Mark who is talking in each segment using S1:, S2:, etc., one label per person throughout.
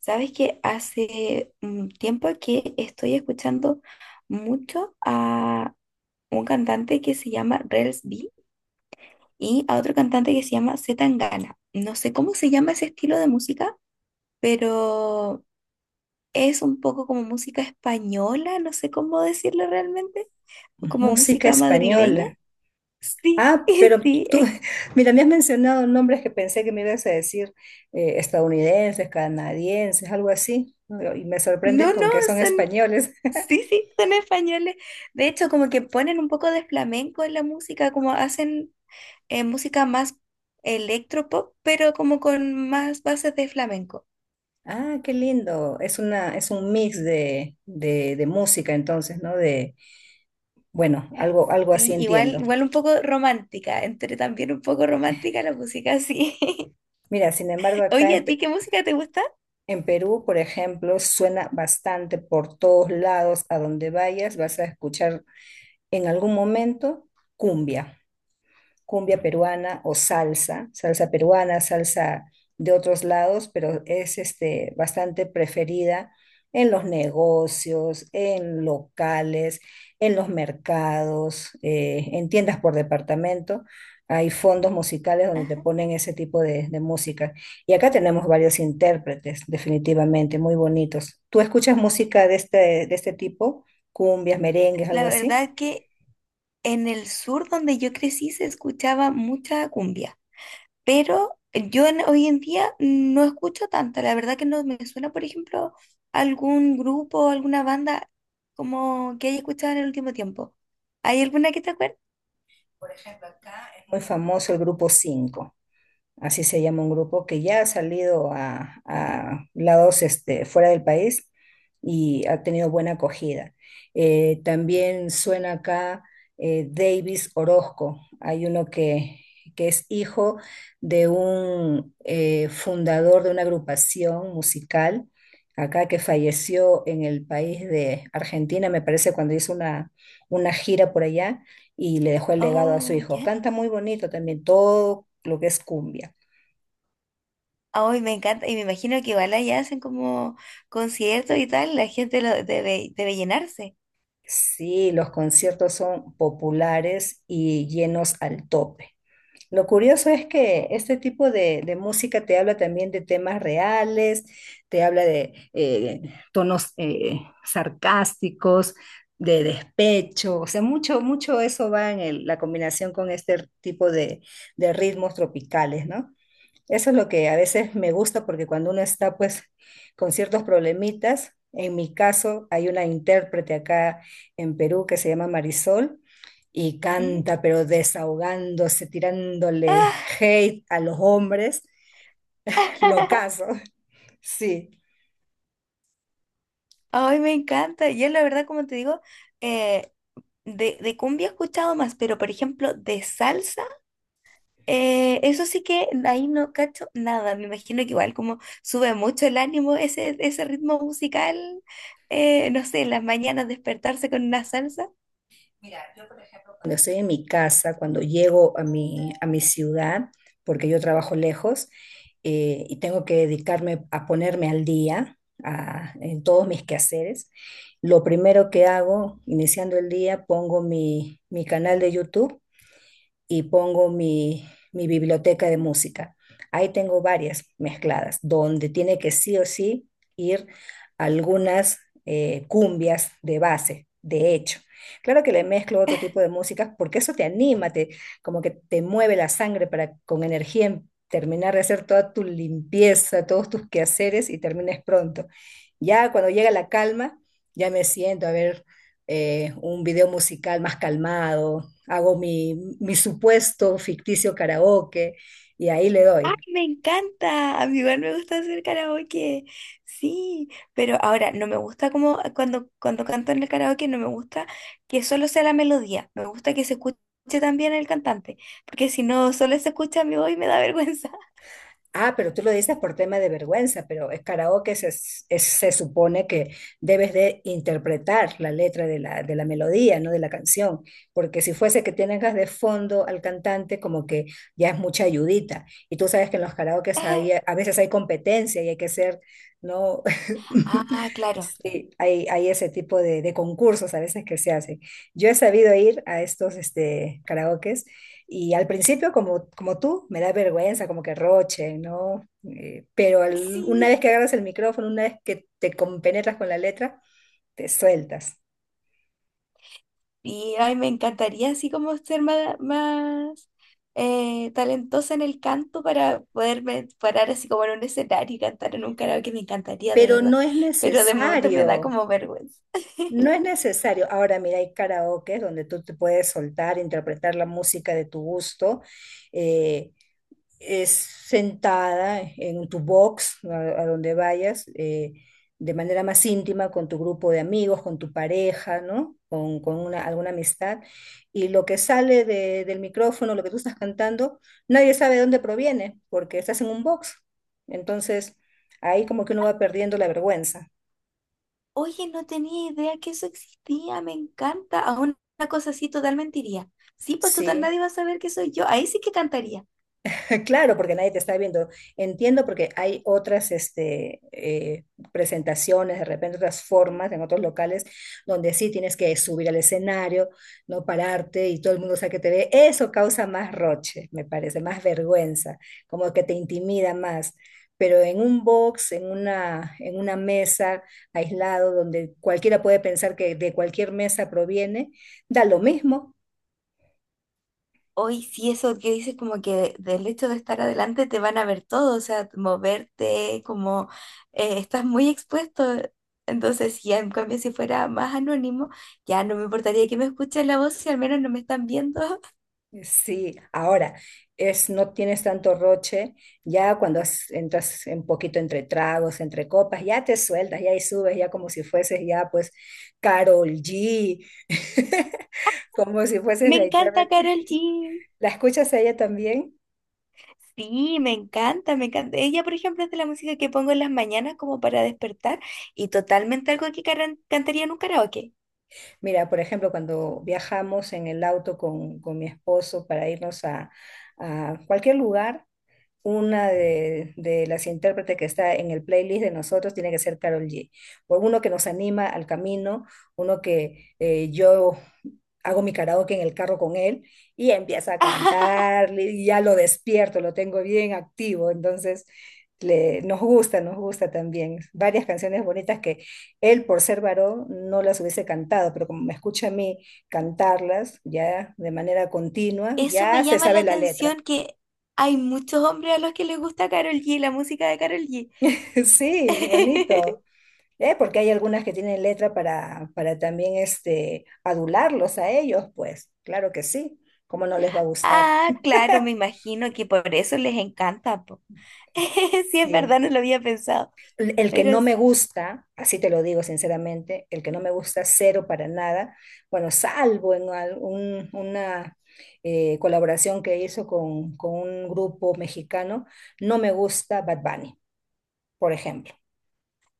S1: Sabes que hace un tiempo que estoy escuchando mucho a un cantante que se llama Rels B y a otro cantante que se llama C. Tangana. No sé cómo se llama ese estilo de música, pero es un poco como música española, no sé cómo decirlo realmente, como
S2: Música
S1: música madrileña.
S2: española.
S1: Sí,
S2: Ah, pero
S1: sí,
S2: tú, mira, me has mencionado nombres que pensé que me ibas a decir estadounidenses, canadienses, algo así, y me sorprendes
S1: no, no,
S2: con que son
S1: son,
S2: españoles.
S1: sí, sí, son españoles. De hecho, como que ponen un poco de flamenco en la música, como hacen música más electropop, pero como con más bases de flamenco.
S2: Ah, qué lindo. Es es un mix de música, entonces, ¿no? De, bueno, algo así
S1: Y igual,
S2: entiendo.
S1: igual un poco romántica, entre también un poco romántica la música, sí.
S2: Mira, sin embargo,
S1: Oye, ¿a ti qué música te gusta?
S2: En Perú, por ejemplo, suena bastante por todos lados, a donde vayas, vas a escuchar en algún momento cumbia. cumbia peruana o salsa peruana, salsa de otros lados, pero es este, bastante preferida en los negocios, en locales, en los mercados, en tiendas por departamento. Hay fondos musicales donde te
S1: Ajá.
S2: ponen ese tipo de música. Y acá tenemos varios intérpretes, definitivamente, muy bonitos. ¿Tú escuchas música de este tipo? Cumbias, merengues, algo
S1: La
S2: así.
S1: verdad que en el sur donde yo crecí se escuchaba mucha cumbia, pero hoy en día no escucho tanta. La verdad que no me suena, por ejemplo, algún grupo, alguna banda como que haya escuchado en el último tiempo. ¿Hay alguna que te acuerdes?
S2: Por ejemplo, acá es muy famoso el grupo 5, así se llama un grupo que ya ha salido a lados este, fuera del país y ha tenido buena acogida. También suena acá Davis Orozco, hay uno que es hijo de un fundador de una agrupación musical acá que falleció en el país de Argentina, me parece, cuando hizo una gira por allá y le dejó el legado a su
S1: Oh,
S2: hijo.
S1: ya.
S2: Canta muy bonito también, todo lo que es cumbia.
S1: Ay, me encanta, y me imagino que igual allá hacen como conciertos y tal, la gente lo debe, debe llenarse.
S2: Sí, los conciertos son populares y llenos al tope. Lo curioso es que este tipo de música te habla también de temas reales, te habla de tonos sarcásticos, de despecho, o sea, mucho, mucho eso va en la combinación con este tipo de ritmos tropicales, ¿no? Eso es lo que a veces me gusta porque cuando uno está pues con ciertos problemitas. En mi caso hay una intérprete acá en Perú que se llama Marisol y
S1: Ujú.
S2: canta pero desahogándose, tirándole
S1: Ah,
S2: hate a los hombres, lo caso, sí.
S1: ay, me encanta. Yo la verdad, como te digo, eh, de cumbia he escuchado más, pero por ejemplo, de salsa, eso sí que ahí no cacho nada. Me imagino que igual como sube mucho el ánimo ese, ese ritmo musical, no sé, en las mañanas despertarse con una salsa.
S2: Mira, yo por ejemplo, cuando estoy en mi casa, cuando llego a mi ciudad, porque yo trabajo lejos, y tengo que dedicarme a ponerme al día en todos mis quehaceres, lo primero que hago, iniciando el día, pongo mi canal de YouTube y pongo mi biblioteca de música. Ahí tengo varias mezcladas, donde tiene que sí o sí ir algunas cumbias de base, de hecho. Claro que le mezclo otro tipo de músicas porque eso te anima, te, como que te mueve la sangre para con energía terminar de hacer toda tu limpieza, todos tus quehaceres y termines pronto. Ya cuando llega la calma, ya me siento a ver un video musical más calmado, hago mi supuesto ficticio karaoke y ahí le
S1: ¡Ay,
S2: doy.
S1: me encanta! A mí igual me gusta hacer karaoke. Sí, pero ahora no me gusta como cuando canto en el karaoke, no me gusta que solo sea la melodía. Me gusta que se escuche también el cantante, porque si no, solo se escucha mi voz y me da vergüenza.
S2: Ah, pero tú lo dices por tema de vergüenza, pero es se supone que debes de interpretar la letra de de la melodía, no de la canción, porque si fuese que tengas de fondo al cantante, como que ya es mucha ayudita. Y tú sabes que en los karaokes a veces hay competencia y hay que ser, ¿no?
S1: Ah, claro.
S2: Sí, hay ese tipo de concursos a veces que se hacen. Yo he sabido ir a estos este, karaokes y al principio, como tú, me da vergüenza, como que roche, ¿no? Una
S1: Sí.
S2: vez que agarras el micrófono, una vez que te compenetras con la letra, te sueltas.
S1: Y ay, me encantaría así como ser más, más talentosa en el canto para poderme parar así como en un escenario y cantar en un karaoke, me encantaría de
S2: Pero
S1: verdad,
S2: no es
S1: pero de momento me da
S2: necesario,
S1: como vergüenza.
S2: no es necesario. Ahora, mira, hay karaoke donde tú te puedes soltar, interpretar la música de tu gusto. eh, es sentada en tu box, a donde vayas, de manera más íntima con tu grupo de amigos, con tu pareja, ¿no? Con una, alguna amistad. Y lo que sale del micrófono, lo que tú estás cantando, nadie sabe de dónde proviene, porque estás en un box. Entonces, ahí como que uno va perdiendo la vergüenza,
S1: Oye, no tenía idea que eso existía, me encanta, a una cosa así totalmente iría. Sí, pues total
S2: ¿sí?
S1: nadie va a saber que soy yo, ahí sí que cantaría.
S2: Claro, porque nadie te está viendo. Entiendo porque hay otras este, presentaciones, de repente otras formas en otros locales donde sí tienes que subir al escenario, no pararte y todo el mundo sabe que te ve. Eso causa más roche, me parece, más vergüenza, como que te intimida más. Pero en un box, en una mesa aislado donde cualquiera puede pensar que de cualquier mesa proviene, da lo mismo.
S1: Hoy sí, eso que dices, como que del hecho de estar adelante te van a ver todo, o sea, moverte, como estás muy expuesto. Entonces, ya en cambio, si fuera más anónimo, ya no me importaría que me escuchen la voz si al menos no me están viendo.
S2: Sí, ahora es no tienes tanto roche, ya cuando entras un poquito entre tragos, entre copas, ya te sueltas, ya ahí subes, ya como si fueses ya pues Carol G, como si fueses
S1: Me
S2: la
S1: encanta
S2: intérprete.
S1: Carol G.
S2: ¿La escuchas a ella también?
S1: Sí, me encanta, me encanta. Ella, por ejemplo, es de la música que pongo en las mañanas como para despertar y totalmente algo que cantaría en un karaoke.
S2: Mira, por ejemplo, cuando viajamos en el auto con mi esposo para irnos a cualquier lugar, una de las intérpretes que está en el playlist de nosotros tiene que ser Carol G. O uno que nos anima al camino, uno que yo hago mi karaoke en el carro con él y empieza a cantar, y ya lo despierto, lo tengo bien activo, entonces le, nos gusta también. Varias canciones bonitas que él, por ser varón, no las hubiese cantado, pero como me escucha a mí cantarlas ya de manera continua,
S1: Eso
S2: ya
S1: me
S2: se
S1: llama la
S2: sabe la letra.
S1: atención que hay muchos hombres a los que les gusta Karol G, la música de Karol G.
S2: Sí, bonito. Porque hay algunas que tienen letra para también este, adularlos a ellos, pues claro que sí, cómo no les va a gustar.
S1: Ah, claro, me imagino que por eso les encanta, po. Sí, es
S2: Sí.
S1: verdad, no lo había pensado.
S2: El que
S1: Pero,
S2: no me gusta, así te lo digo sinceramente, el que no me gusta cero para nada, bueno, salvo en una colaboración que hizo con un grupo mexicano, no me gusta Bad Bunny, por ejemplo.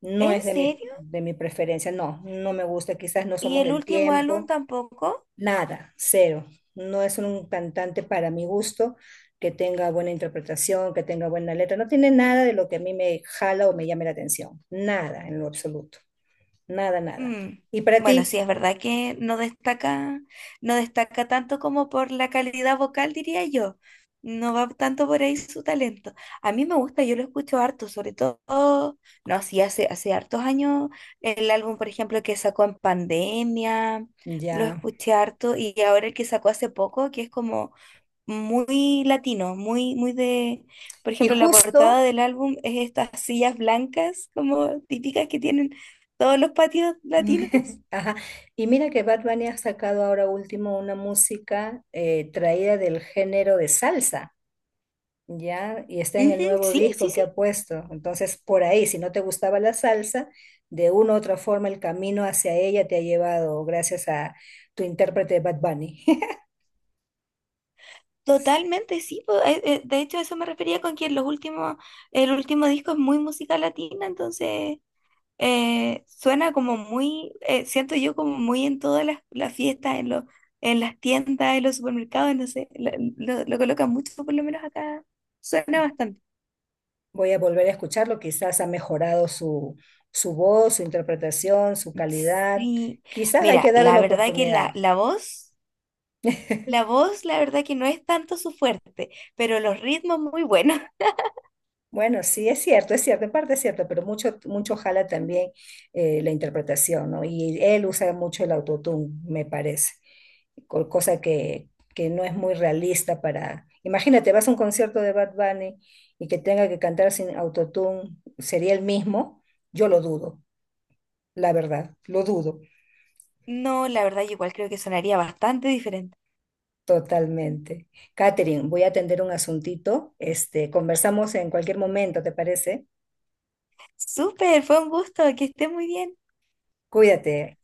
S2: No
S1: ¿en
S2: es de
S1: serio?
S2: de mi preferencia, no, no me gusta, quizás no
S1: ¿Y
S2: somos
S1: el
S2: del
S1: último álbum
S2: tiempo.
S1: tampoco?
S2: Nada, cero. No es un cantante para mi gusto que tenga buena interpretación, que tenga buena letra. No tiene nada de lo que a mí me jala o me llame la atención. Nada en lo absoluto. Nada, nada.
S1: Mm,
S2: ¿Y para
S1: bueno, sí,
S2: ti?
S1: es verdad que no destaca, no destaca tanto como por la calidad vocal, diría yo. No va tanto por ahí su talento. A mí me gusta, yo lo escucho harto, sobre todo, no, sí, hace, hace hartos años, el álbum, por ejemplo, que sacó en pandemia, lo
S2: Ya.
S1: escuché harto, y ahora el que sacó hace poco, que es como muy latino, muy, muy de, por
S2: Y
S1: ejemplo, la portada
S2: justo,
S1: del álbum es estas sillas blancas como típicas que tienen todos los patios latinos.
S2: ajá. Y mira que Bad Bunny ha sacado ahora último una música traída del género de salsa. Ya, y está en el
S1: Ujú,
S2: nuevo
S1: sí, sí,
S2: disco que
S1: sí,
S2: ha puesto. Entonces, por ahí, si no te gustaba la salsa, de una u otra forma el camino hacia ella te ha llevado gracias a tu intérprete Bad Bunny.
S1: totalmente, sí. Po, de hecho, a eso me refería con que los últimos, el último disco es muy música latina, entonces suena como muy, siento yo como muy en todas las fiestas, en los, en las tiendas, en los supermercados, no sé, lo, lo colocan mucho, por lo menos acá suena bastante.
S2: Voy a volver a escucharlo, quizás ha mejorado su, su voz, su interpretación, su calidad.
S1: Sí,
S2: Quizás hay que
S1: mira,
S2: darle
S1: la
S2: la
S1: verdad que
S2: oportunidad.
S1: la voz, la voz, la verdad que no es tanto su fuerte, pero los ritmos muy buenos.
S2: Bueno, sí, es cierto, en parte es cierto, pero mucho, mucho jala también la interpretación, ¿no? Y él usa mucho el autotune, me parece, cosa que no es muy realista para... Imagínate, vas a un concierto de Bad Bunny y que tenga que cantar sin autotune, ¿sería el mismo? Yo lo dudo, la verdad, lo dudo
S1: No, la verdad yo igual creo que sonaría bastante diferente.
S2: totalmente. Catherine, voy a atender un asuntito, este, conversamos en cualquier momento, ¿te parece?
S1: Súper, fue un gusto, que esté muy bien.
S2: Cuídate.